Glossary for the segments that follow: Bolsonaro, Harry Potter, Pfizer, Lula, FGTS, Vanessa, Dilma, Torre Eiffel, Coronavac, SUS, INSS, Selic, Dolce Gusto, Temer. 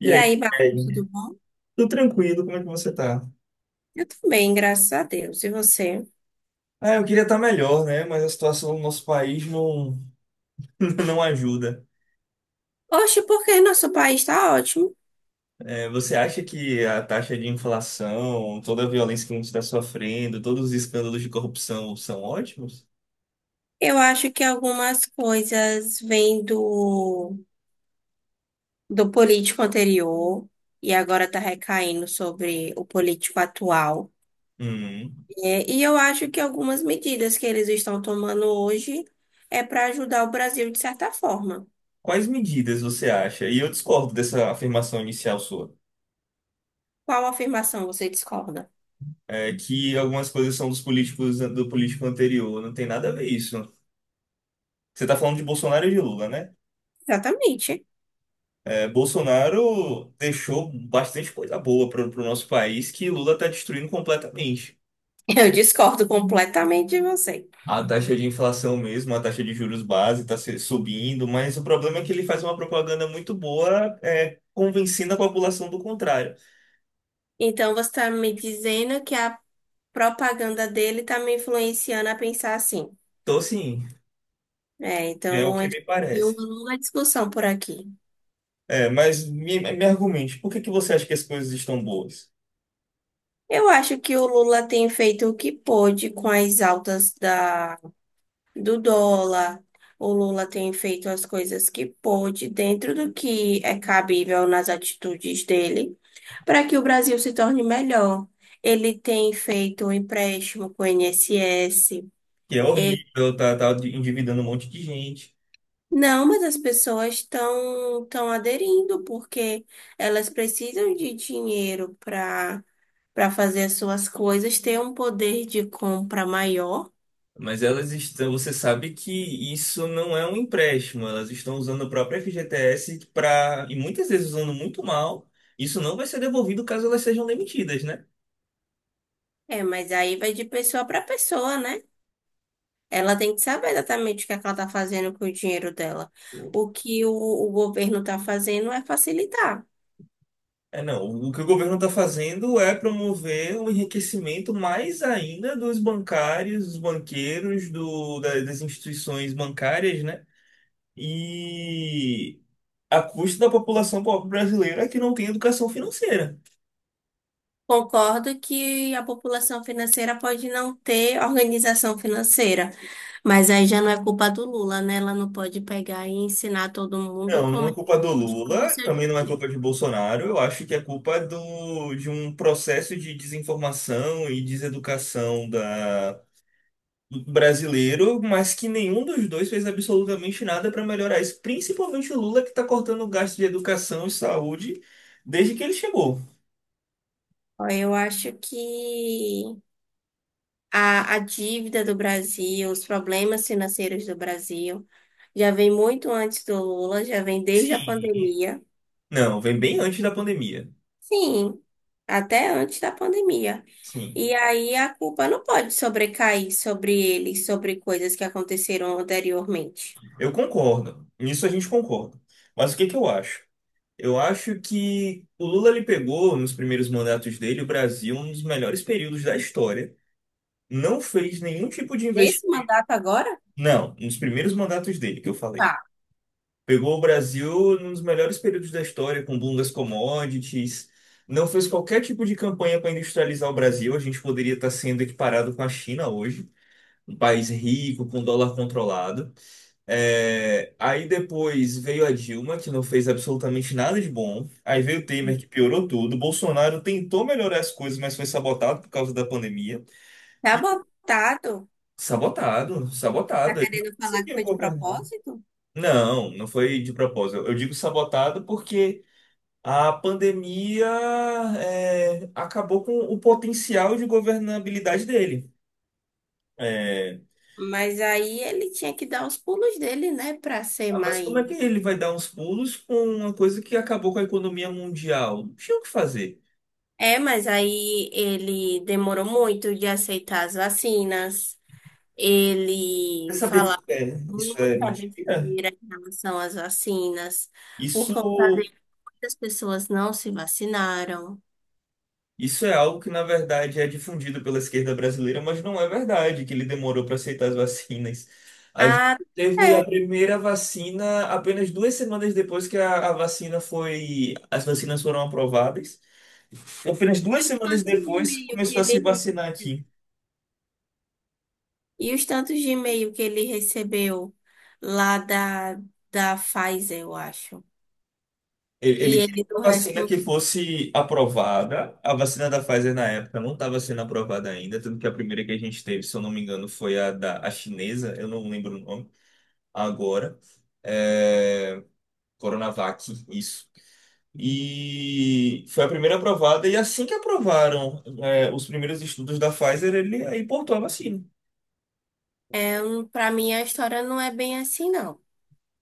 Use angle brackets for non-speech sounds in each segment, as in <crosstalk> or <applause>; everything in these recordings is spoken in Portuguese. E E aí, aí, Bafo, Kelly? tudo bom? Tudo tranquilo, como é que você tá? Eu também, graças a Deus. E você? Ah, eu queria estar melhor, né? Mas a situação do nosso país não, <laughs> não ajuda. Oxe, porque nosso país está ótimo. É, você acha que a taxa de inflação, toda a violência que a gente está sofrendo, todos os escândalos de corrupção são ótimos? Eu acho que algumas coisas vêm do político anterior e agora está recaindo sobre o político atual. Hum. É, e eu acho que algumas medidas que eles estão tomando hoje é para ajudar o Brasil de certa forma. Quais medidas você acha? E eu discordo dessa afirmação inicial sua, Qual afirmação você discorda? Que algumas coisas são dos políticos do político anterior. Não tem nada a ver isso. Você está falando de Bolsonaro e de Lula, né? Exatamente. <laughs> É, Bolsonaro deixou bastante coisa boa para o nosso país que Lula está destruindo completamente. Eu discordo completamente de você. A taxa de inflação mesmo, a taxa de juros base está subindo, mas o problema é que ele faz uma propaganda muito boa, convencendo a população do contrário. Então, você está me dizendo que a propaganda dele tá me influenciando a pensar assim. Então, assim, É, é o então a que gente me tem uma parece. longa discussão por aqui. É, mas me argumente, por que que você acha que as coisas estão boas? Eu acho que o Lula tem feito o que pôde com as altas do dólar. O Lula tem feito as coisas que pôde dentro do que é cabível nas atitudes dele para que o Brasil se torne melhor. Ele tem feito um empréstimo com o INSS. Que é horrível, tá, tá endividando um monte de gente. Não, mas as pessoas estão aderindo porque elas precisam de dinheiro para fazer as suas coisas, ter um poder de compra maior. Mas elas estão, você sabe que isso não é um empréstimo, elas estão usando a própria FGTS para, e muitas vezes usando muito mal, isso não vai ser devolvido caso elas sejam demitidas, né? É, mas aí vai de pessoa para pessoa, né? Ela tem que saber exatamente o que é que ela está fazendo com o dinheiro dela. O que o governo está fazendo é facilitar. É, não, o que o governo está fazendo é promover o enriquecimento mais ainda dos bancários, dos banqueiros, do, da- das instituições bancárias, né? E a custa da população pobre brasileira que não tem educação financeira. Concordo que a população financeira pode não ter organização financeira, mas aí já não é culpa do Lula, né? Ela não pode pegar e ensinar todo mundo Não, não como é é que culpa do a gente faz o Lula, seu também não é dinheiro. culpa de Bolsonaro. Eu acho que é culpa do, de um processo de desinformação e deseducação da, do brasileiro, mas que nenhum dos dois fez absolutamente nada para melhorar isso. Principalmente o Lula, que está cortando o gasto de educação e saúde desde que ele chegou. Ó, eu acho que a dívida do Brasil, os problemas financeiros do Brasil, já vem muito antes do Lula, já vem desde a Sim. pandemia. Não, vem bem antes da pandemia. Sim, até antes da pandemia. Sim, E aí a culpa não pode sobrecair sobre ele, sobre coisas que aconteceram anteriormente. eu concordo. Nisso a gente concorda. Mas o que que eu acho? Eu acho que o Lula ele pegou nos primeiros mandatos dele o Brasil um dos melhores períodos da história. Não fez nenhum tipo de Nesse investimento. mandato agora, Não, nos primeiros mandatos dele que eu falei. tá. Pegou o Brasil num dos melhores períodos da história, com o boom das commodities. Não fez qualquer tipo de campanha para industrializar o Brasil. A gente poderia estar sendo equiparado com a China hoje, um país rico, com dólar controlado. É, aí depois veio a Dilma, que não fez absolutamente nada de bom. Aí veio o Temer, que piorou tudo. Bolsonaro tentou melhorar as coisas, mas foi sabotado por causa da pandemia. Tá E botado. sabotado, Tá sabotado. Ele não querendo falar que conseguiu foi de governar. propósito? Não, não foi de propósito. Eu digo sabotado porque a pandemia acabou com o potencial de governabilidade dele. É, Mas aí ele tinha que dar os pulos dele, né, pra ser ah, mas como é mãe. que ele vai dar uns pulos com uma coisa que acabou com a economia mundial? Não tinha o que fazer. É, mas aí ele demorou muito de aceitar as vacinas. Ele Você sabia falava que isso é muita mentira? besteira em relação às vacinas. Por Isso, conta de muitas pessoas não se vacinaram. isso é algo que, na verdade, é difundido pela esquerda brasileira, mas não é verdade que ele demorou para aceitar as vacinas. A gente Ah, teve é. a primeira vacina apenas duas semanas depois que a vacina foi, as vacinas foram aprovadas. Apenas E duas os semanas tantos de depois e-mail que começou a ele se recebeu? vacinar aqui. E os tantos de e-mail que ele recebeu lá da Pfizer, eu acho. E Ele queria ele não uma vacina respondeu. que fosse aprovada. A vacina da Pfizer na época não estava sendo aprovada ainda, tanto que a primeira que a gente teve, se eu não me engano, foi a da a chinesa, eu não lembro o nome agora. É, Coronavac, isso. E foi a primeira aprovada, e assim que aprovaram, os primeiros estudos da Pfizer, ele aí importou a vacina. Para mim, a história não é bem assim, não.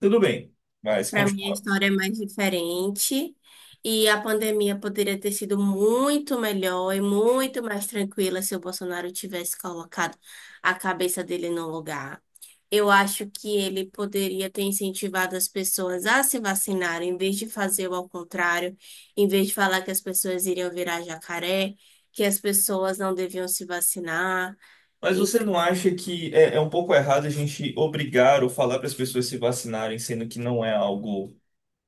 Tudo bem, mas Para mim, a continua. história é mais diferente e a pandemia poderia ter sido muito melhor e muito mais tranquila se o Bolsonaro tivesse colocado a cabeça dele no lugar. Eu acho que ele poderia ter incentivado as pessoas a se vacinarem, em vez de fazer o ao contrário, em vez de falar que as pessoas iriam virar jacaré, que as pessoas não deviam se vacinar. Mas você não acha que é um pouco errado a gente obrigar ou falar para as pessoas se vacinarem, sendo que não é algo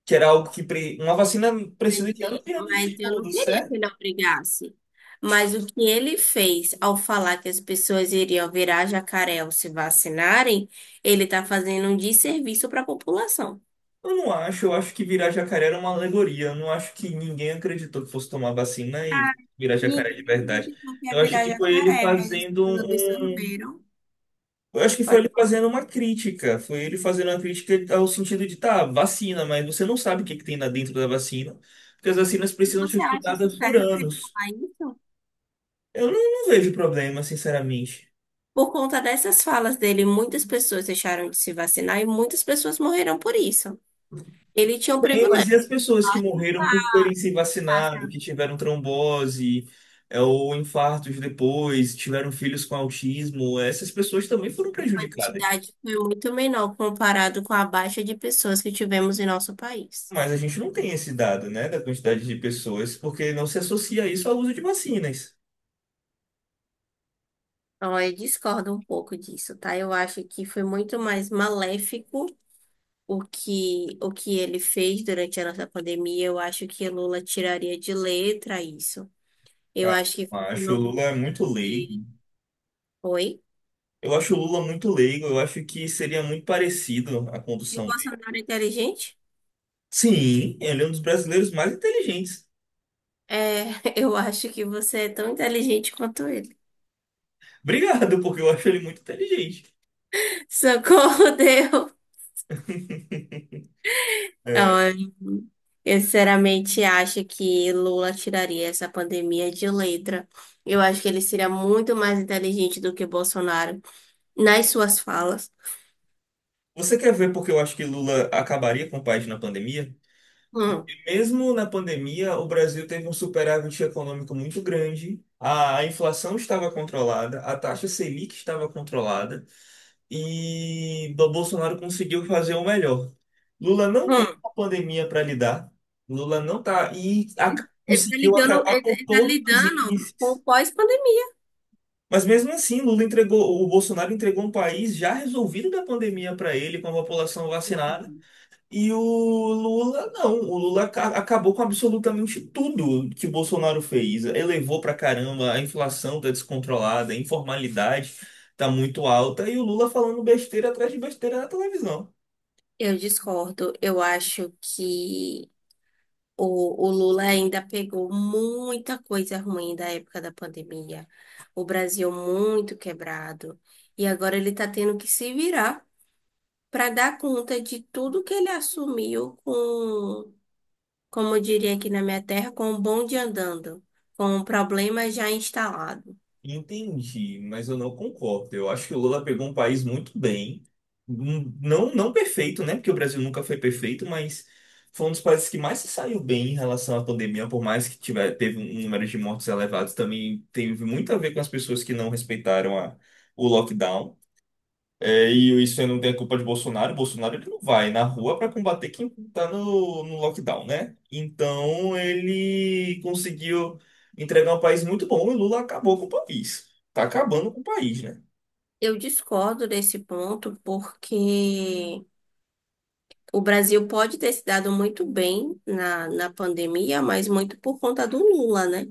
que era algo que pre- uma vacina Mas, precisa de anos e- e anos de mas eu não estudo, queria que certo? ele obrigasse. Mas o que ele fez ao falar que as pessoas iriam virar jacaré ao se vacinarem, ele está fazendo um desserviço para a população. Eu não acho, eu acho que virar jacaré era uma alegoria. Eu não acho que ninguém acreditou que fosse tomar vacina Ah, e virar jacaré de ninguém verdade. acreditou que ia Eu acho virar que foi ele jacaré, mas as fazendo pessoas um. absorveram. Eu acho que foi Pode. ele fazendo uma crítica. Foi ele fazendo uma crítica ao sentido de, tá, vacina, mas você não sabe o que que tem lá dentro da vacina, porque as vacinas E precisam ser você acha isso estudadas por certo ele anos. falar isso? Eu não, não vejo problema, sinceramente. Por conta dessas falas dele, muitas pessoas deixaram de se vacinar e muitas pessoas morreram por isso. Ele tinha um Bem, privilégio. mas e as pessoas que morreram por terem se vacinado, que tiveram trombose, ou infartos depois, tiveram filhos com autismo, essas pessoas também foram prejudicadas. Quantidade foi muito menor comparado com a baixa de pessoas que tivemos em nosso país. Mas a gente não tem esse dado, né, da quantidade de pessoas, porque não se associa isso ao uso de vacinas. Então, eu discordo um pouco disso, tá? Eu acho que foi muito mais maléfico o que ele fez durante a nossa pandemia. Eu acho que Lula tiraria de letra isso. Eu Ah, acho que eu acho o funcionou muito Lula é muito leigo. bem. Oi? Eu acho o Lula muito leigo, eu acho que seria muito parecido a E o condução dele. Bolsonaro é inteligente? Sim, ele é um dos brasileiros mais inteligentes. É, <laughs> eu acho que você é tão inteligente quanto ele. Obrigado, porque eu acho ele muito inteligente. Socorro, Deus! <laughs> É. Olha, eu sinceramente acho que Lula tiraria essa pandemia de letra. Eu acho que ele seria muito mais inteligente do que Bolsonaro nas suas falas. Você quer ver porque eu acho que Lula acabaria com o país na pandemia? Hum, Mesmo na pandemia, o Brasil teve um superávit econômico muito grande, a inflação estava controlada, a taxa Selic estava controlada e o Bolsonaro conseguiu fazer o melhor. Lula não tem hum. uma pandemia para lidar, Lula não tá e a- Ele tá conseguiu ligando, acabar ele, tá com ele tá todos os lidando com o índices. pós-pandemia. Mas mesmo assim, Lula entregou, o Bolsonaro entregou um país já resolvido da pandemia para ele, com a população vacinada. Uhum. E o Lula, não. O Lula aca- acabou com absolutamente tudo que Bolsonaro fez. Elevou pra caramba, a inflação tá descontrolada, a informalidade tá muito alta. E o Lula falando besteira atrás de besteira na televisão. Eu discordo. Eu acho que o Lula ainda pegou muita coisa ruim da época da pandemia. O Brasil muito quebrado. E agora ele tá tendo que se virar para dar conta de tudo que ele assumiu com, como eu diria aqui na minha terra, com o bonde andando, com o problema já instalado. Entendi, mas eu não concordo. Eu acho que o Lula pegou um país muito bem. Um- não, não perfeito, né? Porque o Brasil nunca foi perfeito, mas foi um dos países que mais se saiu bem em relação à pandemia, por mais que tiver, teve um número de mortes elevados, também teve muito a ver com as pessoas que não respeitaram o lockdown. É, e isso aí não tem a culpa de Bolsonaro. Bolsonaro ele não vai na rua para combater quem está no lockdown, né? Então ele conseguiu entregar um país muito bom e Lula acabou com o país. Tá acabando com o país, né? Eu discordo desse ponto porque o Brasil pode ter se dado muito bem na pandemia, mas muito por conta do Lula, né?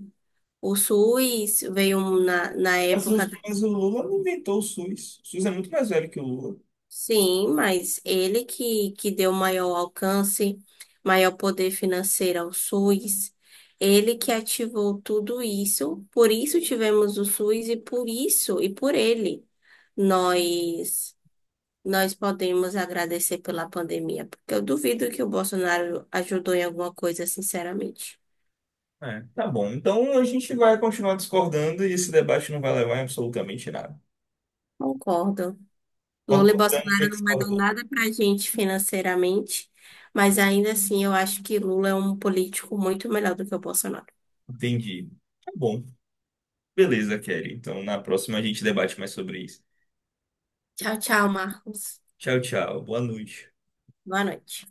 O SUS veio na Mas, época. os- mas o Lula não inventou o SUS. O SUS é muito mais velho que o Lula. Sim, mas ele que deu maior alcance, maior poder financeiro ao SUS, ele que ativou tudo isso, por isso tivemos o SUS e por isso e por ele nós nós podemos agradecer pela pandemia, porque eu duvido que o Bolsonaro ajudou em alguma coisa, sinceramente. É, tá bom. Então a gente vai continuar discordando e esse debate não vai levar em absolutamente nada. Concordo. Lula e Concordamos e Bolsonaro não vai dar discordamos. nada pra gente financeiramente. Mas ainda assim, eu acho que Lula é um político muito melhor do que o Bolsonaro. Entendi. Tá bom. Beleza, Kelly. Então na próxima a gente debate mais sobre isso. Tchau, tchau, Marcos. Tchau, tchau. Boa noite. Boa noite.